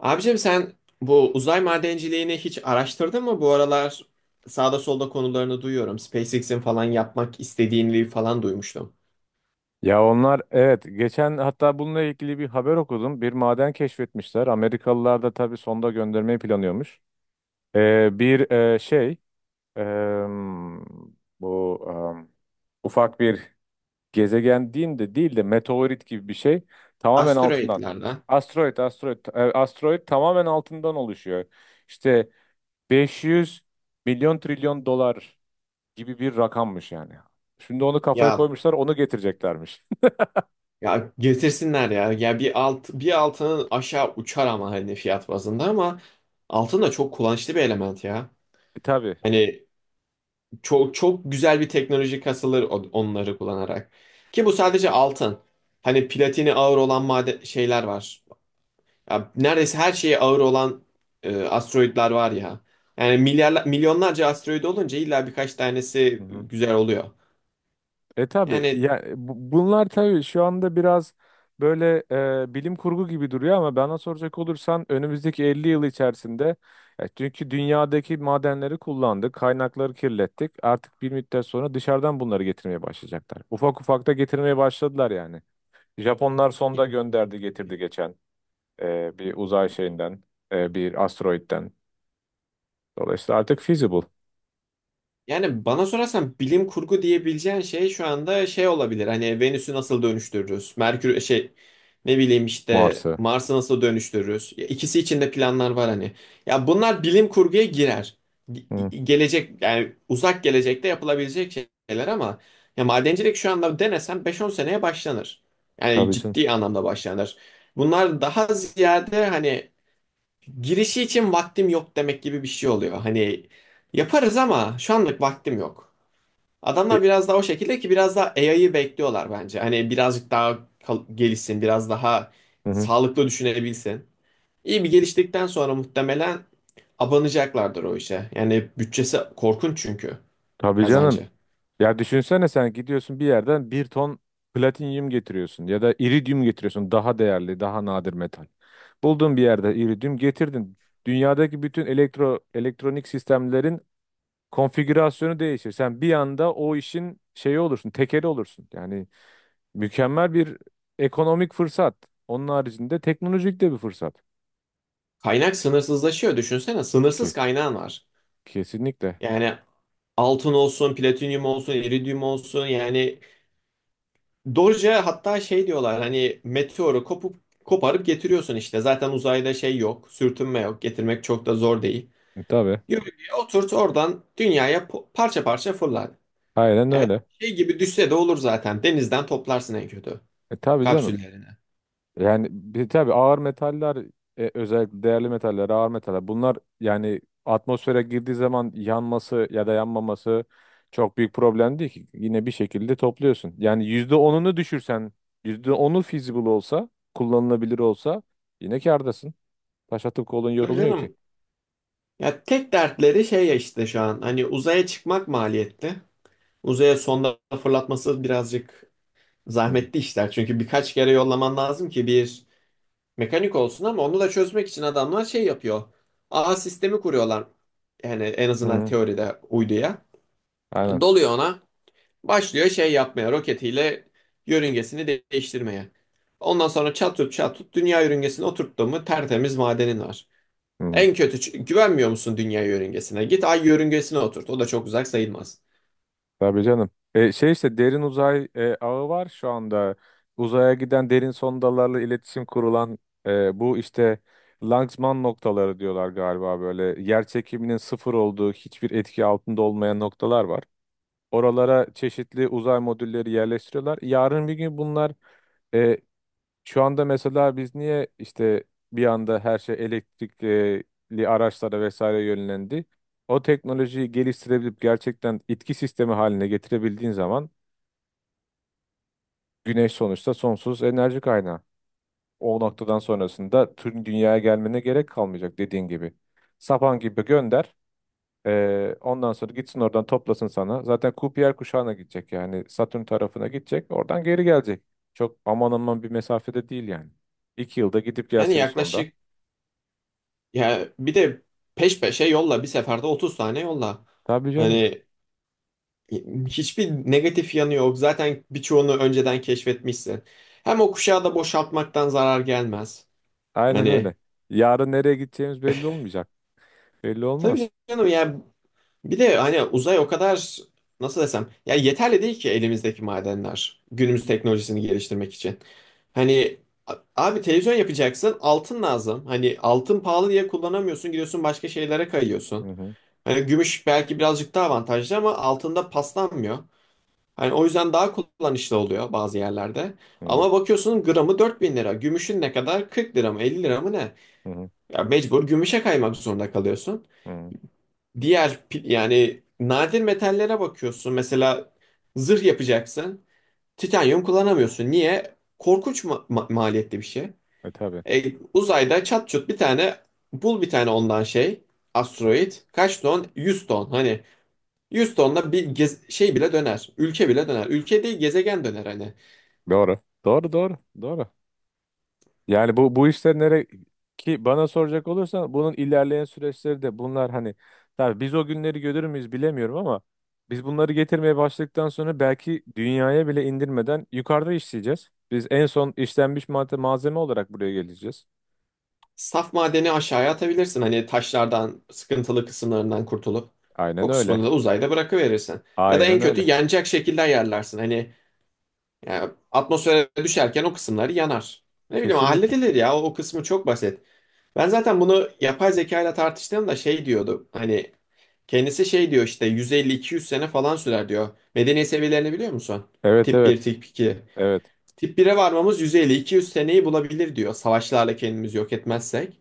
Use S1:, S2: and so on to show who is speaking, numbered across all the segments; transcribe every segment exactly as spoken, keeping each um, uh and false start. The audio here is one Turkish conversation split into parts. S1: Abicim sen bu uzay madenciliğini hiç araştırdın mı? Bu aralar sağda solda konularını duyuyorum. SpaceX'in falan yapmak istediğini falan duymuştum.
S2: Ya onlar evet geçen hatta bununla ilgili bir haber okudum. Bir maden keşfetmişler. Amerikalılar da tabii sonda göndermeyi planlıyormuş. Ee, bir e, şey em, bu em, ufak bir gezegen diyeyim de değil de meteorit gibi bir şey, tamamen altından.
S1: Asteroidlerle
S2: Asteroid, asteroid, e, asteroid tamamen altından oluşuyor. İşte beş yüz milyon trilyon dolar gibi bir rakammış yani. Şimdi onu kafaya
S1: ya
S2: koymuşlar, onu getireceklermiş.
S1: ya getirsinler ya. Ya bir alt bir altının aşağı uçar ama hani fiyat bazında ama altın da çok kullanışlı bir element ya.
S2: E, tabii.
S1: Hani çok çok güzel bir teknoloji kasılır on- onları kullanarak. Ki bu sadece altın. Hani platini ağır olan maden şeyler var. Ya neredeyse her şeye ağır olan e, asteroidler var ya. Yani milyarlar, milyonlarca asteroid olunca illa birkaç
S2: Hı
S1: tanesi
S2: hı.
S1: güzel oluyor.
S2: E tabii
S1: Yani
S2: ya e, bu- bunlar tabii şu anda biraz böyle e, bilim kurgu gibi duruyor ama bana soracak olursan önümüzdeki elli yıl içerisinde, ya çünkü dünyadaki madenleri kullandık, kaynakları kirlettik. Artık bir müddet sonra dışarıdan bunları getirmeye başlayacaklar. Ufak ufak da getirmeye başladılar yani. Japonlar sonda gönderdi, getirdi geçen, e, bir uzay şeyinden, e, bir asteroitten. Dolayısıyla artık feasible.
S1: Yani bana sorarsan bilim kurgu diyebileceğin şey şu anda şey olabilir. Hani Venüs'ü nasıl dönüştürürüz? Merkür şey, ne bileyim işte
S2: Mars'ı.
S1: Mars'ı nasıl dönüştürürüz? Ya İkisi için de planlar var hani. Ya bunlar bilim kurguya girer.
S2: Hı,
S1: Ge- Gelecek yani uzak gelecekte yapılabilecek şeyler ama ya madencilik şu anda denesen beş on seneye başlanır. Yani
S2: tabii canım.
S1: ciddi anlamda başlanır. Bunlar daha ziyade hani girişi için vaktim yok demek gibi bir şey oluyor. Hani yaparız ama şu anlık vaktim yok.
S2: E,
S1: Adamlar biraz daha o şekilde ki biraz daha A I'yı bekliyorlar bence. Hani birazcık daha kal- gelişsin, biraz daha
S2: hı hı.
S1: sağlıklı düşünebilsin. İyi bir geliştikten sonra muhtemelen abanacaklardır o işe. Yani bütçesi korkunç çünkü
S2: Tabii canım.
S1: kazancı.
S2: Ya düşünsene, sen gidiyorsun bir yerden bir ton platinyum getiriyorsun ya da iridyum getiriyorsun, daha değerli daha nadir metal. Buldun bir yerde, iridyum getirdin. Dünyadaki bütün elektro elektronik sistemlerin konfigürasyonu değişir. Sen bir anda o işin şeyi olursun, tekeli olursun. Yani mükemmel bir ekonomik fırsat. Onun haricinde teknolojik de bir fırsat.
S1: Kaynak sınırsızlaşıyor düşünsene. Sınırsız
S2: Kes,
S1: kaynağın var.
S2: kesinlikle.
S1: Yani altın olsun, platinyum olsun, iridyum olsun yani Doge'a hatta şey diyorlar hani meteoru kopup koparıp getiriyorsun işte. Zaten uzayda şey yok, sürtünme yok. Getirmek çok da zor değil.
S2: E, tabii.
S1: Yörüngeye oturt oradan dünyaya po- parça parça fırlar.
S2: Aynen
S1: Yani
S2: öyle.
S1: şey gibi düşse de olur zaten. Denizden toplarsın en kötü
S2: E, tabii canım.
S1: kapsüllerini.
S2: Yani bir, tabii ağır metaller, e, özellikle değerli metaller, ağır metaller bunlar, yani atmosfere girdiği zaman yanması ya da yanmaması çok büyük problem değil ki. Yine bir şekilde topluyorsun. Yani yüzde onunu düşürsen, yüzde onu feasible olsa, kullanılabilir olsa yine kârdasın. Taş atıp kolun
S1: Tabii
S2: yorulmuyor ki.
S1: canım, ya tek dertleri şey ya işte şu an hani uzaya çıkmak maliyetli. Uzaya sonda fırlatması birazcık
S2: Hı hı.
S1: zahmetli işler. Çünkü birkaç kere yollaman lazım ki bir mekanik olsun ama onu da çözmek için adamlar şey yapıyor. Ağ sistemi kuruyorlar. Yani en
S2: Hı
S1: azından
S2: hı.
S1: teoride uyduya.
S2: Aynen.
S1: Doluyor ona. Başlıyor şey yapmaya. Roketiyle yörüngesini de- değiştirmeye. Ondan sonra çat tut çat tut dünya yörüngesine oturttu mu tertemiz madenin var.
S2: Hı.
S1: En kötü ç- güvenmiyor musun dünya yörüngesine? Git ay yörüngesine oturt. O da çok uzak sayılmaz.
S2: Tabii canım. E, şey işte, derin uzay e, ağı var şu anda. Uzaya giden derin sondalarla iletişim kurulan, e, bu işte Lanzmann noktaları diyorlar galiba böyle. Yer çekiminin sıfır olduğu, hiçbir etki altında olmayan noktalar var. Oralara çeşitli uzay modülleri yerleştiriyorlar. Yarın bir gün bunlar, e, şu anda mesela biz niye işte bir anda her şey elektrikli araçlara vesaire yönlendi? O teknolojiyi geliştirebilip gerçekten itki sistemi haline getirebildiğin zaman, güneş sonuçta sonsuz enerji kaynağı. O noktadan sonrasında tüm dünyaya gelmene gerek kalmayacak dediğin gibi. Sapan gibi gönder. Eee, ondan sonra gitsin oradan toplasın sana. Zaten Kuiper kuşağına gidecek, yani Satürn tarafına gidecek. Oradan geri gelecek. Çok aman aman bir mesafede değil yani. İki yılda gidip
S1: Yani
S2: gelse bir sonda.
S1: yaklaşık ya bir de peş peşe yolla bir seferde otuz tane yolla.
S2: Tabii canım.
S1: Hani E, hiçbir negatif yanı yok. Zaten birçoğunu önceden keşfetmişsin. Hem o kuşağı da boşaltmaktan zarar gelmez.
S2: Aynen öyle.
S1: Hani
S2: Yarın nereye gideceğimiz belli olmayacak. Belli
S1: tabii
S2: olmaz.
S1: canım ya bir de hani uzay o kadar, nasıl desem, ya yeterli değil ki elimizdeki madenler günümüz teknolojisini geliştirmek için. Hani a- abi televizyon yapacaksın altın lazım. Hani altın pahalı diye kullanamıyorsun gidiyorsun başka şeylere
S2: Hı
S1: kayıyorsun.
S2: hı.
S1: Hani gümüş belki birazcık daha avantajlı ama altında paslanmıyor. Hani o yüzden daha kullanışlı oluyor bazı yerlerde.
S2: Hı hı.
S1: Ama bakıyorsun gramı dört bin lira. Gümüşün ne kadar? Kırk lira mı? Elli lira mı ne?
S2: Hı hı.
S1: Ya mecbur gümüşe kaymak zorunda kalıyorsun.
S2: Hı.
S1: Diğer pi- yani nadir metallere bakıyorsun. Mesela zırh yapacaksın. Titanyum kullanamıyorsun. Niye? Korkunç ma- ma- maliyetli bir şey.
S2: E tabii.
S1: E, uzayda çat çut bir tane bul bir tane ondan şey. Asteroid. Kaç ton? Yüz ton. Hani yüz tonla bir gez- şey bile döner. Ülke bile döner. Ülke değil gezegen döner hani.
S2: Doğru. Doğru doğru. Doğru. Yani bu bu işler nereye ki, bana soracak olursan bunun ilerleyen süreçleri de bunlar hani, tabii biz o günleri görür müyüz bilemiyorum ama biz bunları getirmeye başladıktan sonra belki dünyaya bile indirmeden yukarıda işleyeceğiz. Biz en son işlenmiş madde malzeme olarak buraya geleceğiz.
S1: Saf madeni aşağıya atabilirsin. Hani taşlardan, sıkıntılı kısımlarından kurtulup
S2: Aynen
S1: o
S2: öyle.
S1: kısmını da uzayda bırakıverirsin. Ya da
S2: Aynen
S1: en kötü
S2: öyle.
S1: yanacak şekilde ayarlarsın. Hani ya, atmosfere düşerken o kısımları yanar. Ne bileyim
S2: Kesinlikle.
S1: halledilir ya o, o kısmı çok basit. Ben zaten bunu yapay zeka ile tartıştığımda şey diyordu. Hani kendisi şey diyor işte yüz elli iki yüz sene falan sürer diyor. Medeniyet seviyelerini biliyor musun?
S2: Evet
S1: Tip bir,
S2: evet.
S1: tip iki.
S2: Evet.
S1: Tip bir'e varmamız yüz elli iki yüz seneyi bulabilir diyor. Savaşlarla kendimizi yok etmezsek.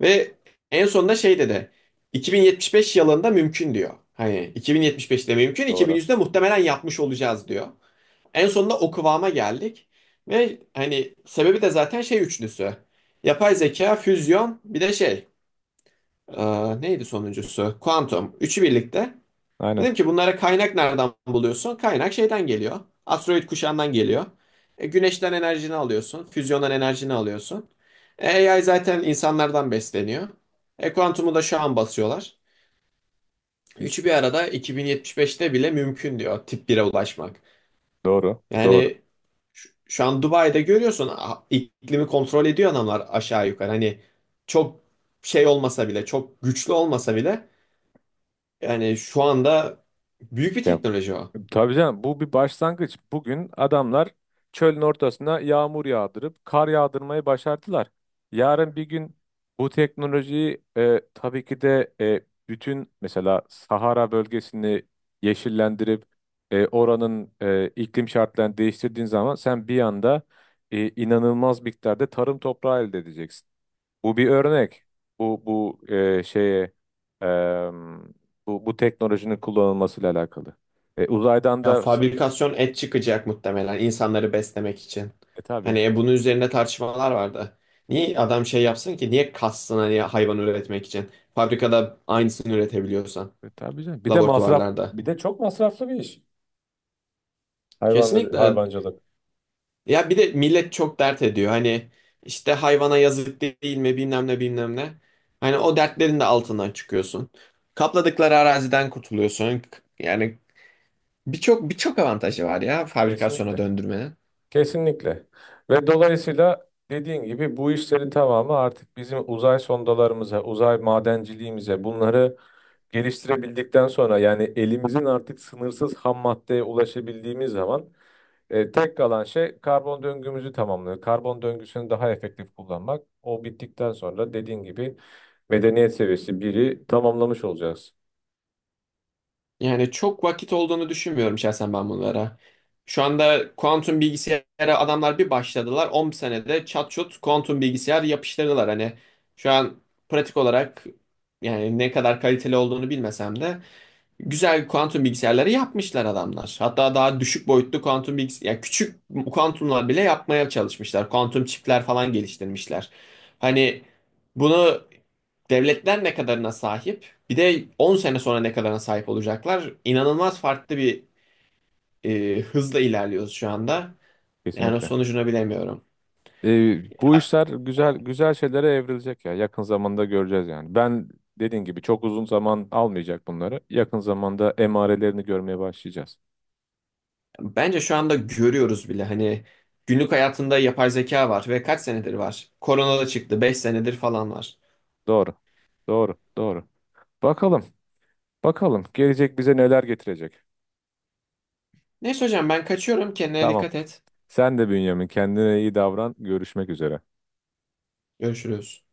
S1: Ve en sonunda şey dedi. iki bin yetmiş beş yılında mümkün diyor. Hani iki bin yetmiş beşte mümkün,
S2: Doğru.
S1: iki bin yüzde muhtemelen yapmış olacağız diyor. En sonunda o kıvama geldik. Ve hani sebebi de zaten şey üçlüsü. Yapay zeka, füzyon, bir de şey. E, neydi sonuncusu? Kuantum. Üçü birlikte.
S2: Aynen.
S1: Dedim ki bunlara kaynak nereden buluyorsun? Kaynak şeyden geliyor. Asteroid kuşağından geliyor. E, güneşten enerjini alıyorsun. Füzyondan enerjini alıyorsun. E, A I zaten insanlardan besleniyor. E, kuantumu da şu an basıyorlar. Üçü bir arada iki bin yetmiş beşte bile mümkün diyor tip bire ulaşmak.
S2: Doğru. Doğru.
S1: Yani şu, şu an Dubai'de görüyorsun a- iklimi kontrol ediyor adamlar aşağı yukarı. Hani çok şey olmasa bile, çok güçlü olmasa bile, yani şu anda büyük bir
S2: Ya,
S1: teknoloji o.
S2: tabii canım, bu bir başlangıç. Bugün adamlar çölün ortasına yağmur yağdırıp kar yağdırmayı başardılar. Yarın bir gün bu teknolojiyi, e, tabii ki de, e, bütün mesela Sahara bölgesini yeşillendirip, e, oranın e, iklim şartlarını değiştirdiğin zaman sen bir anda e, inanılmaz miktarda tarım toprağı elde edeceksin. Bu bir örnek. Bu bu e, şeye e, bu bu teknolojinin kullanılmasıyla alakalı. E, uzaydan
S1: Ya
S2: da,
S1: fabrikasyon et çıkacak muhtemelen insanları beslemek için.
S2: e, tabii.
S1: Hani e, bunun üzerinde tartışmalar vardı. Niye adam şey yapsın ki? Niye kassın hani hayvan üretmek için? Fabrikada aynısını üretebiliyorsan
S2: E, tabii canım. Bir de masraf,
S1: laboratuvarlarda.
S2: bir de çok masraflı bir iş. Hayvan
S1: Kesinlikle.
S2: hayvancılık.
S1: Ya bir de millet çok dert ediyor. Hani işte hayvana yazık değil mi bilmem ne bilmem ne. Hani o dertlerin de altından çıkıyorsun. Kapladıkları araziden kurtuluyorsun. Yani birçok birçok avantajı var ya fabrikasyona
S2: Kesinlikle.
S1: döndürmenin.
S2: Kesinlikle. Ve dolayısıyla dediğin gibi bu işlerin tamamı artık bizim uzay sondalarımıza, uzay madenciliğimize, bunları geliştirebildikten sonra, yani elimizin artık sınırsız ham maddeye ulaşabildiğimiz zaman, E, tek kalan şey karbon döngümüzü tamamlıyor. Karbon döngüsünü daha efektif kullanmak. O bittikten sonra dediğin gibi medeniyet seviyesi biri tamamlamış olacağız.
S1: Yani çok vakit olduğunu düşünmüyorum şahsen ben bunlara. Şu anda kuantum bilgisayara adamlar bir başladılar. on senede çat çut kuantum bilgisayar yapıştırdılar. Hani şu an pratik olarak, yani ne kadar kaliteli olduğunu bilmesem de, güzel kuantum bilgisayarları yapmışlar adamlar. Hatta daha düşük boyutlu kuantum bilgisayar, yani küçük kuantumlar bile yapmaya çalışmışlar. Kuantum çipler falan geliştirmişler. Hani bunu devletler ne kadarına sahip, bir de on sene sonra ne kadarına sahip olacaklar. İnanılmaz farklı bir e, hızla ilerliyoruz şu anda. Yani
S2: Kesinlikle.
S1: sonucunu bilemiyorum.
S2: E, bu
S1: Ha,
S2: işler güzel güzel şeylere evrilecek ya. Yakın zamanda göreceğiz yani. Ben, dediğin gibi, çok uzun zaman almayacak bunları. Yakın zamanda emarelerini görmeye başlayacağız.
S1: Bence şu anda görüyoruz bile hani günlük hayatında yapay zeka var ve kaç senedir var? Korona da çıktı, beş senedir falan var.
S2: Doğru. Doğru. Doğru. Bakalım. Bakalım gelecek bize neler getirecek.
S1: Neyse hocam ben kaçıyorum. Kendine
S2: Tamam.
S1: dikkat et.
S2: Sen de Bünyamin, kendine iyi davran. Görüşmek üzere.
S1: Görüşürüz.